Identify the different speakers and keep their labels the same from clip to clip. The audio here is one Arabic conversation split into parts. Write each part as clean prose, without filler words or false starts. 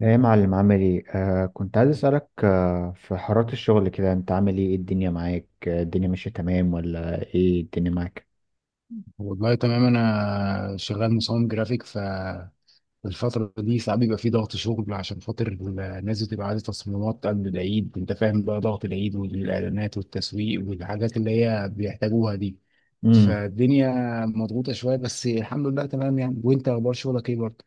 Speaker 1: ايه يا معلم، عامل ايه؟ كنت عايز اسالك، في حوارات الشغل كده انت عامل ايه؟ إيه الدنيا معاك؟ الدنيا ماشيه تمام ولا ايه؟ الدنيا معاك.
Speaker 2: والله تمام. انا شغال مصمم جرافيك ف الفترة دي ساعات بيبقى في ضغط شغل، عشان خاطر الناس بتبقى عايزة تصميمات قبل العيد. انت فاهم بقى ضغط العيد والإعلانات والتسويق والحاجات اللي هي بيحتاجوها دي.
Speaker 1: امم.
Speaker 2: فالدنيا مضغوطة شوية، بس الحمد لله تمام يعني. وانت اخبار شغلك ايه برضه؟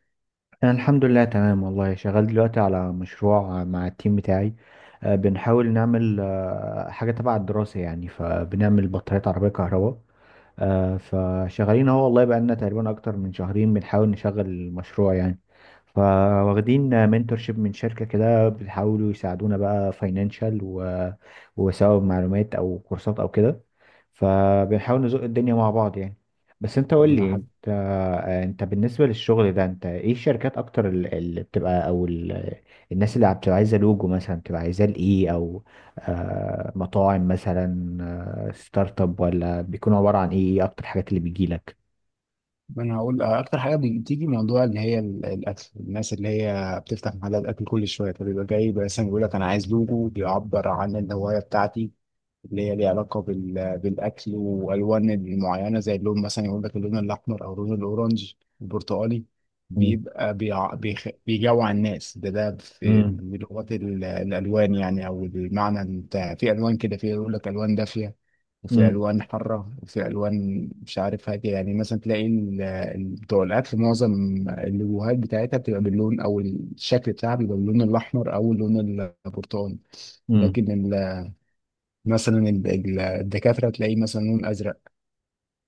Speaker 1: انا الحمد لله تمام والله، شغال دلوقتي على مشروع مع التيم بتاعي. بنحاول نعمل حاجه تبع الدراسه يعني، فبنعمل بطاريات عربيه كهرباء. فشغالين اهو والله، بقى لنا تقريبا اكتر من شهرين بنحاول نشغل المشروع يعني. فواخدين منتورشيب من شركة كده، بيحاولوا يساعدونا بقى فاينانشال وسواء معلومات او كورسات او كده. فبنحاول نزق الدنيا مع بعض يعني. بس انت قول
Speaker 2: طب ما
Speaker 1: لي
Speaker 2: حد.
Speaker 1: انت. انت بالنسبة للشغل ده، انت ايه الشركات اكتر اللي بتبقى او الناس اللي بتبقى عايزة لوجو مثلا، بتبقى عايزة لايه؟ او مطاعم مثلا، ستارت اب، ولا بيكون عبارة عن ايه؟ ايه اكتر الحاجات اللي بتجيلك؟
Speaker 2: ما انا هقول اكتر حاجة بتيجي موضوع اللي هي الاكل. الناس اللي هي بتفتح محلات اكل كل شوية فبيبقى جاي بس بيقول لك انا عايز لوجو بيعبر عن الهواية بتاعتي، اللي هي ليها علاقة بالأكل وألوان المعينة. زي اللون مثلا يقول لك اللون الأحمر أو اللون الأورنج، البرتقالي، بيبقى بيجوع الناس. ده ده في
Speaker 1: امم.
Speaker 2: من لغات الألوان يعني، أو المعنى بتاع في ألوان كده. في يقول لك ألوان دافية، وفي
Speaker 1: امم.
Speaker 2: ألوان حارة، وفي ألوان مش عارف هادية. يعني مثلا تلاقي بتوع الأكل، معظم اللوهات بتاعتها بتبقى باللون، أو الشكل بتاعها بيبقى باللون الأحمر أو اللون البرتقالي.
Speaker 1: امم.
Speaker 2: لكن مثلا الدكاترة تلاقيه مثلا لون أزرق.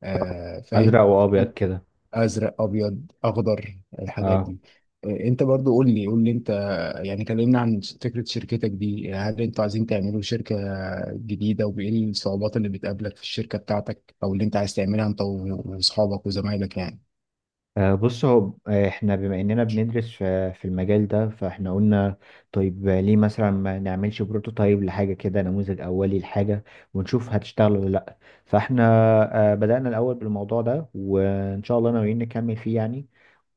Speaker 2: آه فاهم.
Speaker 1: ازرق وابيض كده.
Speaker 2: أزرق أبيض أخضر الحاجات
Speaker 1: اه.
Speaker 2: دي. آه أنت برضو قول لي أنت، يعني كلمنا عن فكرة شركتك دي. هل أنتوا عايزين تعملوا شركة جديدة، وإيه الصعوبات اللي بتقابلك في الشركة بتاعتك أو اللي أنت عايز تعملها أنت وأصحابك وزمايلك يعني.
Speaker 1: بص هو، احنا بما اننا بندرس في المجال ده، فاحنا قلنا طيب، ليه مثلا ما نعملش بروتوتايب لحاجة كده، نموذج اولي لحاجة، ونشوف هتشتغل ولا لا. فاحنا بدأنا الاول بالموضوع ده، وان شاء الله ناويين نكمل فيه يعني.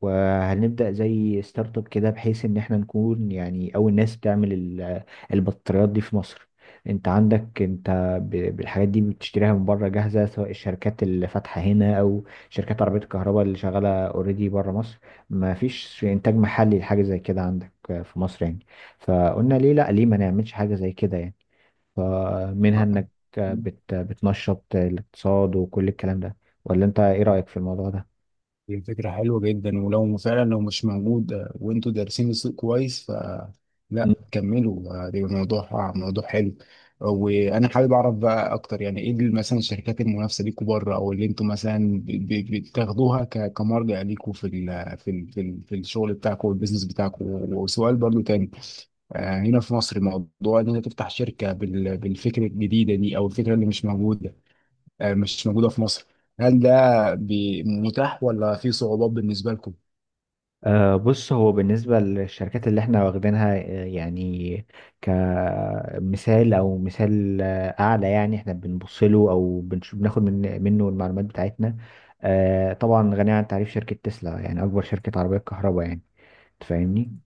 Speaker 1: وهنبدأ زي ستارت اب كده، بحيث ان احنا نكون يعني اول ناس بتعمل البطاريات دي في مصر. انت عندك انت بالحاجات دي بتشتريها من بره جاهزة، سواء الشركات اللي فاتحة هنا، شركات عربية الكهرباء اللي شغالة اوريدي بره مصر. ما فيش إنتاج محلي لحاجة زي كده عندك في مصر يعني. فقلنا ليه لأ، ليه ما نعملش حاجة زي كده يعني، فمنها إنك بتنشط الاقتصاد وكل الكلام ده. ولا أنت إيه رأيك في الموضوع ده؟
Speaker 2: دي فكرة حلوة جدا، ولو فعلا لو مش موجود، وانتوا دارسين السوق كويس، لا كملوا. ده موضوع، موضوع حلو. وانا حابب اعرف بقى اكتر، يعني ايه اللي مثلا الشركات المنافسه ليكوا بره، او اللي انتوا مثلا بتاخدوها كمرجع ليكوا في ال في الشغل بتاعكم والبيزنس بتاعكم. وسؤال برضو تاني، هنا في مصر موضوع ان انت تفتح شركه بالفكره الجديده دي او الفكره اللي مش موجوده، مش موجوده في مصر، هل ده متاح ولا في صعوبات بالنسبه لكم؟
Speaker 1: بص هو، بالنسبة للشركات اللي احنا واخدينها يعني كمثال او مثال اعلى، يعني احنا بنبص له او بناخد منه المعلومات بتاعتنا. طبعا غنية عن التعريف شركة تسلا، يعني اكبر شركة عربية كهرباء يعني. تفهمني.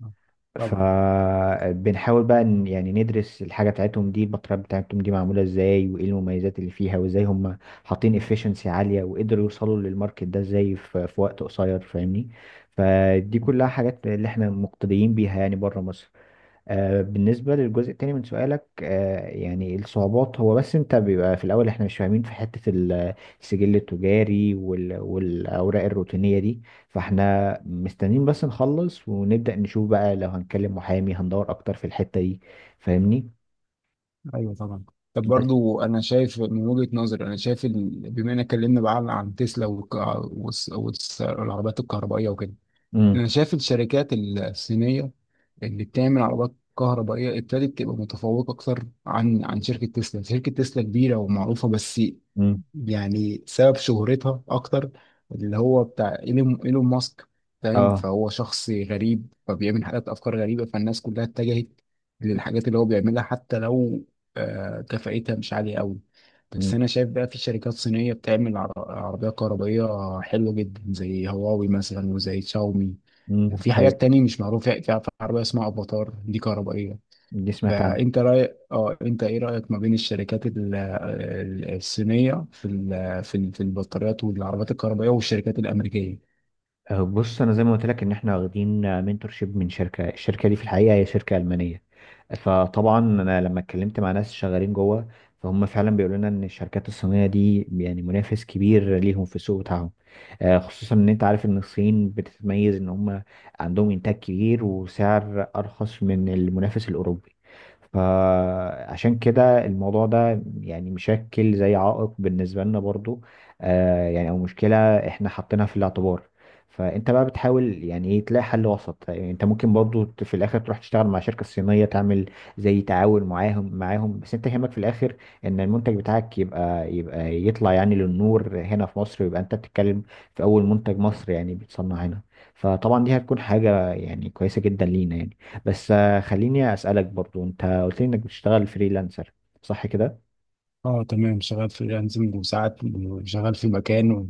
Speaker 2: طبعا.
Speaker 1: فبنحاول بقى يعني ندرس الحاجة بتاعتهم دي، المطرح بتاعتهم دي معمولة ازاي، وايه المميزات اللي فيها، وازاي هم حاطين efficiency عالية، وقدروا يوصلوا للماركت ده ازاي في وقت قصير. فاهمني. فدي كلها حاجات اللي احنا مقتديين بيها يعني بره مصر. بالنسبة للجزء التاني من سؤالك، يعني الصعوبات، هو بس انت بيبقى في الأول احنا مش فاهمين في حتة السجل التجاري والأوراق الروتينية دي. فاحنا مستنيين بس نخلص ونبدأ نشوف بقى، لو هنكلم محامي هندور أكتر في الحتة دي. فاهمني.
Speaker 2: ايوه طبعا. طب
Speaker 1: بس.
Speaker 2: برضو انا شايف من وجهة نظري، انا شايف ال-، بما ان اتكلمنا بقى عن عن تسلا والعربيات الكهربائيه وكده،
Speaker 1: امم.
Speaker 2: انا شايف الشركات الصينيه اللي بتعمل عربيات كهربائيه ابتدت تبقى متفوقه اكتر عن عن شركه تسلا. شركه تسلا كبيره ومعروفه، بس
Speaker 1: امم.
Speaker 2: يعني سبب شهرتها اكتر اللي هو بتاع إيلون ماسك، فاهم؟
Speaker 1: اه.
Speaker 2: فهو شخص غريب، فبيعمل حاجات افكار غريبه، فالناس كلها اتجهت للحاجات اللي هو بيعملها حتى لو كفاءتها مش عاليه قوي. بس انا شايف بقى في شركات صينيه بتعمل عربيات كهربائيه حلوه جدا، زي هواوي مثلا وزي شاومي. وفي حاجات
Speaker 1: الحقيقة.
Speaker 2: تانية مش معروفة، في في عربية اسمها افاتار دي كهربائية.
Speaker 1: دي سمعت عنها.
Speaker 2: فانت رايك اه، انت ايه رايك ما بين الشركات الصينيه في في البطاريات والعربيات الكهربائيه والشركات الامريكيه؟
Speaker 1: بص انا زي ما قلت لك ان احنا واخدين منتورشيب من شركه، الشركه دي في الحقيقه هي شركه المانيه. فطبعا انا لما اتكلمت مع ناس شغالين جوه، فهم فعلا بيقولوا لنا ان الشركات الصينيه دي يعني منافس كبير ليهم في السوق بتاعهم. خصوصا ان انت عارف ان الصين بتتميز ان هم عندهم انتاج كبير وسعر ارخص من المنافس الاوروبي. فعشان كده الموضوع ده يعني مشكل زي عائق بالنسبه لنا برضو. يعني او مشكله، احنا حاطينها في الاعتبار. فانت بقى بتحاول يعني ايه تلاقي حل وسط، يعني انت ممكن برضو في الاخر تروح تشتغل مع شركة صينية، تعمل زي تعاون معاهم. معاهم بس انت يهمك في الاخر ان المنتج بتاعك يبقى يطلع يعني للنور هنا في مصر، ويبقى انت بتتكلم في اول منتج مصري يعني بيتصنع هنا. فطبعا دي هتكون حاجة يعني كويسة جدا لينا يعني. بس خليني اسألك برضو، انت قلت لي انك بتشتغل فريلانسر، صح كده؟
Speaker 2: اه تمام. شغال فريلانسنج، وساعات شغال في مكان، و...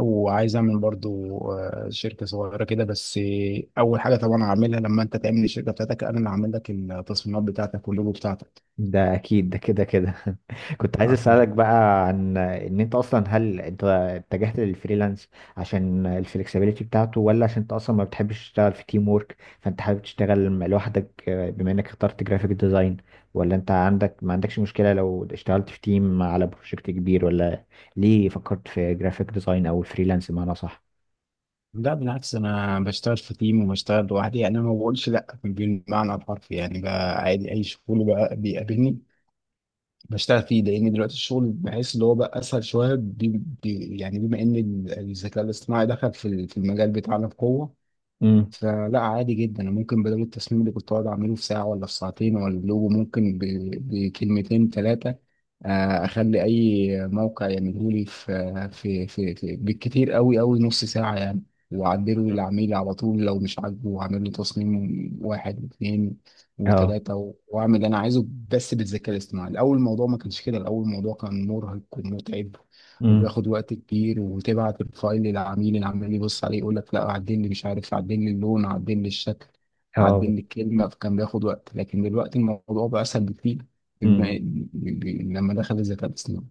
Speaker 2: وعايز اعمل برضو شركه صغيره كده بس. اول حاجه طبعا هعملها لما انت تعمل الشركه بتاعتك، انا اللي هعمل لك التصميمات بتاعتك واللوجو بتاعتك.
Speaker 1: ده اكيد ده كده كده. كنت عايز
Speaker 2: اه
Speaker 1: اسالك
Speaker 2: تمام.
Speaker 1: بقى عن ان انت اصلا، هل انت اتجهت للفريلانس عشان الفلكسبيليتي بتاعته، ولا عشان انت اصلا ما بتحبش تشتغل في تيم وورك، فانت حابب تشتغل لوحدك؟ بما انك اخترت جرافيك ديزاين، ولا انت عندك ما عندكش مشكله لو اشتغلت في تيم على بروجكت كبير؟ ولا ليه فكرت في جرافيك ديزاين او الفريلانس؟ بمعنى صح.
Speaker 2: لا بالعكس، انا بشتغل في تيم وبشتغل لوحدي يعني. انا ما بقولش لا بالمعنى الحرفي يعني، بقى عادي اي شغل بقى بيقابلني بشتغل فيه، لان دلوقتي الشغل بحس اللي هو بقى اسهل شويه، بي بي يعني بما ان الذكاء الاصطناعي دخل في في المجال بتاعنا بقوه.
Speaker 1: امم.
Speaker 2: فلا عادي جدا، أنا ممكن بدل التصميم اللي كنت اقعد اعمله في ساعه ولا في ساعتين، ولا اللوجو ممكن بكلمتين ثلاثه اخلي اي موقع يعمله لي في في بالكتير قوي نص ساعه يعني. واعدله
Speaker 1: مم.
Speaker 2: للعميل على طول لو مش عاجبه، واعمل له تصميم واحد واثنين
Speaker 1: اه.
Speaker 2: وثلاثه، واعمل اللي انا عايزه. بس بالذكاء الاصطناعي، الاول الموضوع ما كانش كده، الاول الموضوع كان مرهق ومتعب
Speaker 1: امم.
Speaker 2: وبياخد وقت كبير، وتبعت الفايل للعميل، العميل يبص عليه يقول لك لا عدل لي، مش عارف، عدل لي اللون، عدل لي الشكل، عدل
Speaker 1: اه.
Speaker 2: لي الكلمة، فكان بياخد وقت. لكن دلوقتي الموضوع بقى أسهل بكتير بما- ب- لما دخل الذكاء الاصطناعي.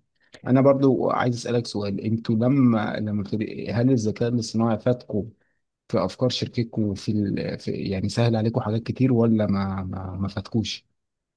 Speaker 2: أنا برضو عايز أسألك سؤال، أنتوا لما ابتدي-، هل الذكاء الاصطناعي فاتكم في أفكار شركتكم وفي ال... في...، يعني سهل عليكم حاجات كتير، ولا ما فاتكوش؟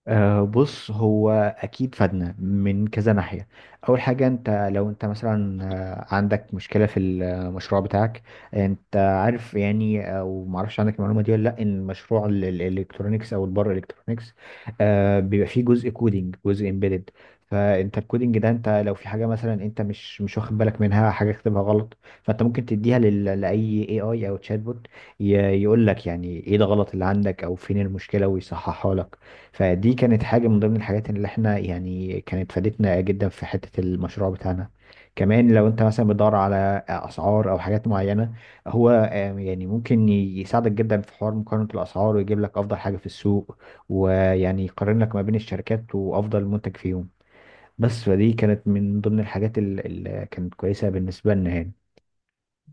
Speaker 1: أه بص هو، اكيد فادنا من كذا ناحيه. اول حاجه، انت لو انت مثلا عندك مشكله في المشروع بتاعك، انت عارف يعني او ما اعرفش عندك المعلومه دي ولا لا، ان مشروع الالكترونيكس او البر الالكترونيكس، أه بيبقى فيه جزء كودينج، جزء امبيدد. فانت الكودينج ده انت لو في حاجه مثلا انت مش واخد بالك منها، حاجه كتبها غلط، فانت ممكن تديها لاي اي اي او تشات بوت، يقول لك يعني ايه ده غلط اللي عندك، او فين المشكله ويصححها لك. فدي كانت حاجة من ضمن الحاجات اللي احنا يعني كانت فادتنا جدا في حتة المشروع بتاعنا. كمان لو انت مثلا بتدور على اسعار او حاجات معينة، هو يعني ممكن يساعدك جدا في حوار مقارنة الاسعار، ويجيب لك افضل حاجة في السوق، ويعني يقارن لك ما بين الشركات وافضل منتج فيهم. بس فدي كانت من ضمن الحاجات اللي كانت كويسة بالنسبة لنا يعني.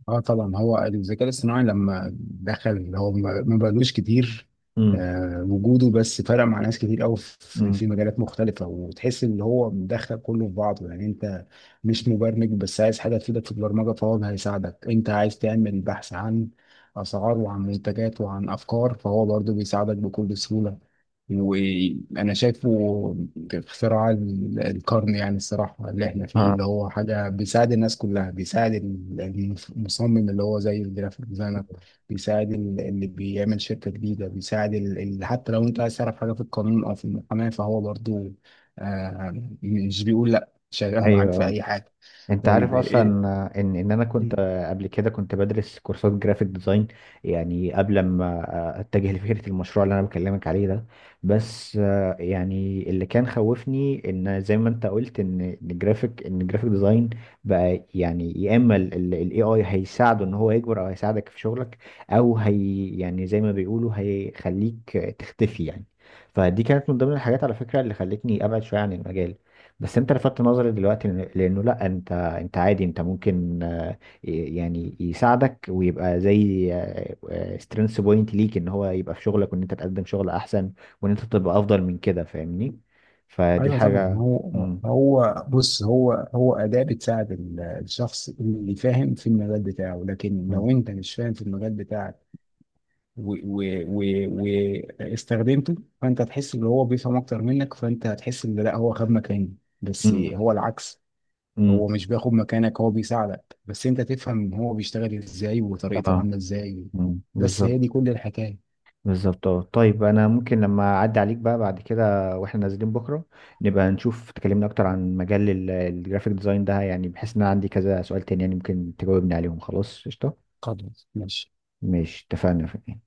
Speaker 2: اه طبعا، هو الذكاء الاصطناعي لما دخل هو ما بقالوش كتير،
Speaker 1: امم.
Speaker 2: آه وجوده بس فرق مع ناس كتير قوي في،
Speaker 1: امم.
Speaker 2: في مجالات مختلفة، وتحس ان هو مدخل كله في بعضه. يعني انت مش مبرمج، بس عايز حاجة تفيدك في البرمجة، فهو هيساعدك. انت عايز تعمل بحث عن اسعار وعن منتجات وعن افكار، فهو برضه بيساعدك بكل سهولة. وانا شايفه اختراع القرن يعني الصراحه اللي احنا فيه،
Speaker 1: آه.
Speaker 2: اللي هو حاجه بيساعد الناس كلها، بيساعد المصمم اللي هو زي الجرافيك ديزاينر، بيساعد ال- اللي بيعمل شركه جديده، بيساعد حتى لو انت عايز تعرف حاجه في القانون او في المحاماه فهو برضو، آه مش بيقول لا، شغال معاك
Speaker 1: ايوه
Speaker 2: في
Speaker 1: آه.
Speaker 2: اي حاجه.
Speaker 1: انت
Speaker 2: طيب
Speaker 1: عارف اصلا ان انا كنت
Speaker 2: إيه-.
Speaker 1: قبل كده كنت بدرس كورسات جرافيك ديزاين، يعني قبل ما اتجه لفكره المشروع اللي انا بكلمك عليه ده. بس يعني اللي كان خوفني ان زي ما انت قلت، ان الجرافيك، ان الجرافيك ديزاين بقى يعني، يا اما الاي اي هيساعده ان هو يكبر او هيساعدك في شغلك، او هي يعني زي ما بيقولوا هيخليك تختفي يعني. فدي كانت من ضمن الحاجات على فكره اللي خلتني ابعد شويه عن المجال. بس انت لفتت نظري دلوقتي، لانه لا، انت عادي، انت ممكن يعني يساعدك ويبقى زي سترينث بوينت ليك، ان هو يبقى في شغلك، وان انت تقدم شغل احسن، وان انت تبقى افضل من كده. فاهمني. فدي
Speaker 2: ايوه طبعا،
Speaker 1: حاجة.
Speaker 2: هو
Speaker 1: مم.
Speaker 2: هو بص، هو اداه بتساعد الشخص اللي فاهم في المجال بتاعه، لكن
Speaker 1: مم.
Speaker 2: لو انت مش فاهم في المجال بتاعك واستخدمته، فانت هتحس ان هو بيفهم اكتر منك، فانت هتحس ان لا هو خد مكاني. بس
Speaker 1: مم.
Speaker 2: هو العكس،
Speaker 1: مم.
Speaker 2: هو مش بياخد مكانك، هو بيساعدك، بس انت تفهم هو بيشتغل ازاي وطريقته
Speaker 1: اه.
Speaker 2: عامله ازاي.
Speaker 1: مم.
Speaker 2: بس هي دي
Speaker 1: بالظبط.
Speaker 2: كل الحكايه.
Speaker 1: بالظبط اه. طيب انا ممكن لما اعدي عليك بقى بعد كده، واحنا نازلين بكرة، نبقى نشوف، تكلمنا اكتر عن مجال الجرافيك ديزاين ده، يعني بحيث ان انا عندي كذا سؤال تاني، يعني ممكن تجاوبني عليهم؟ خلاص، قشطة.
Speaker 2: خلاص ماشي.
Speaker 1: مش اتفقنا؟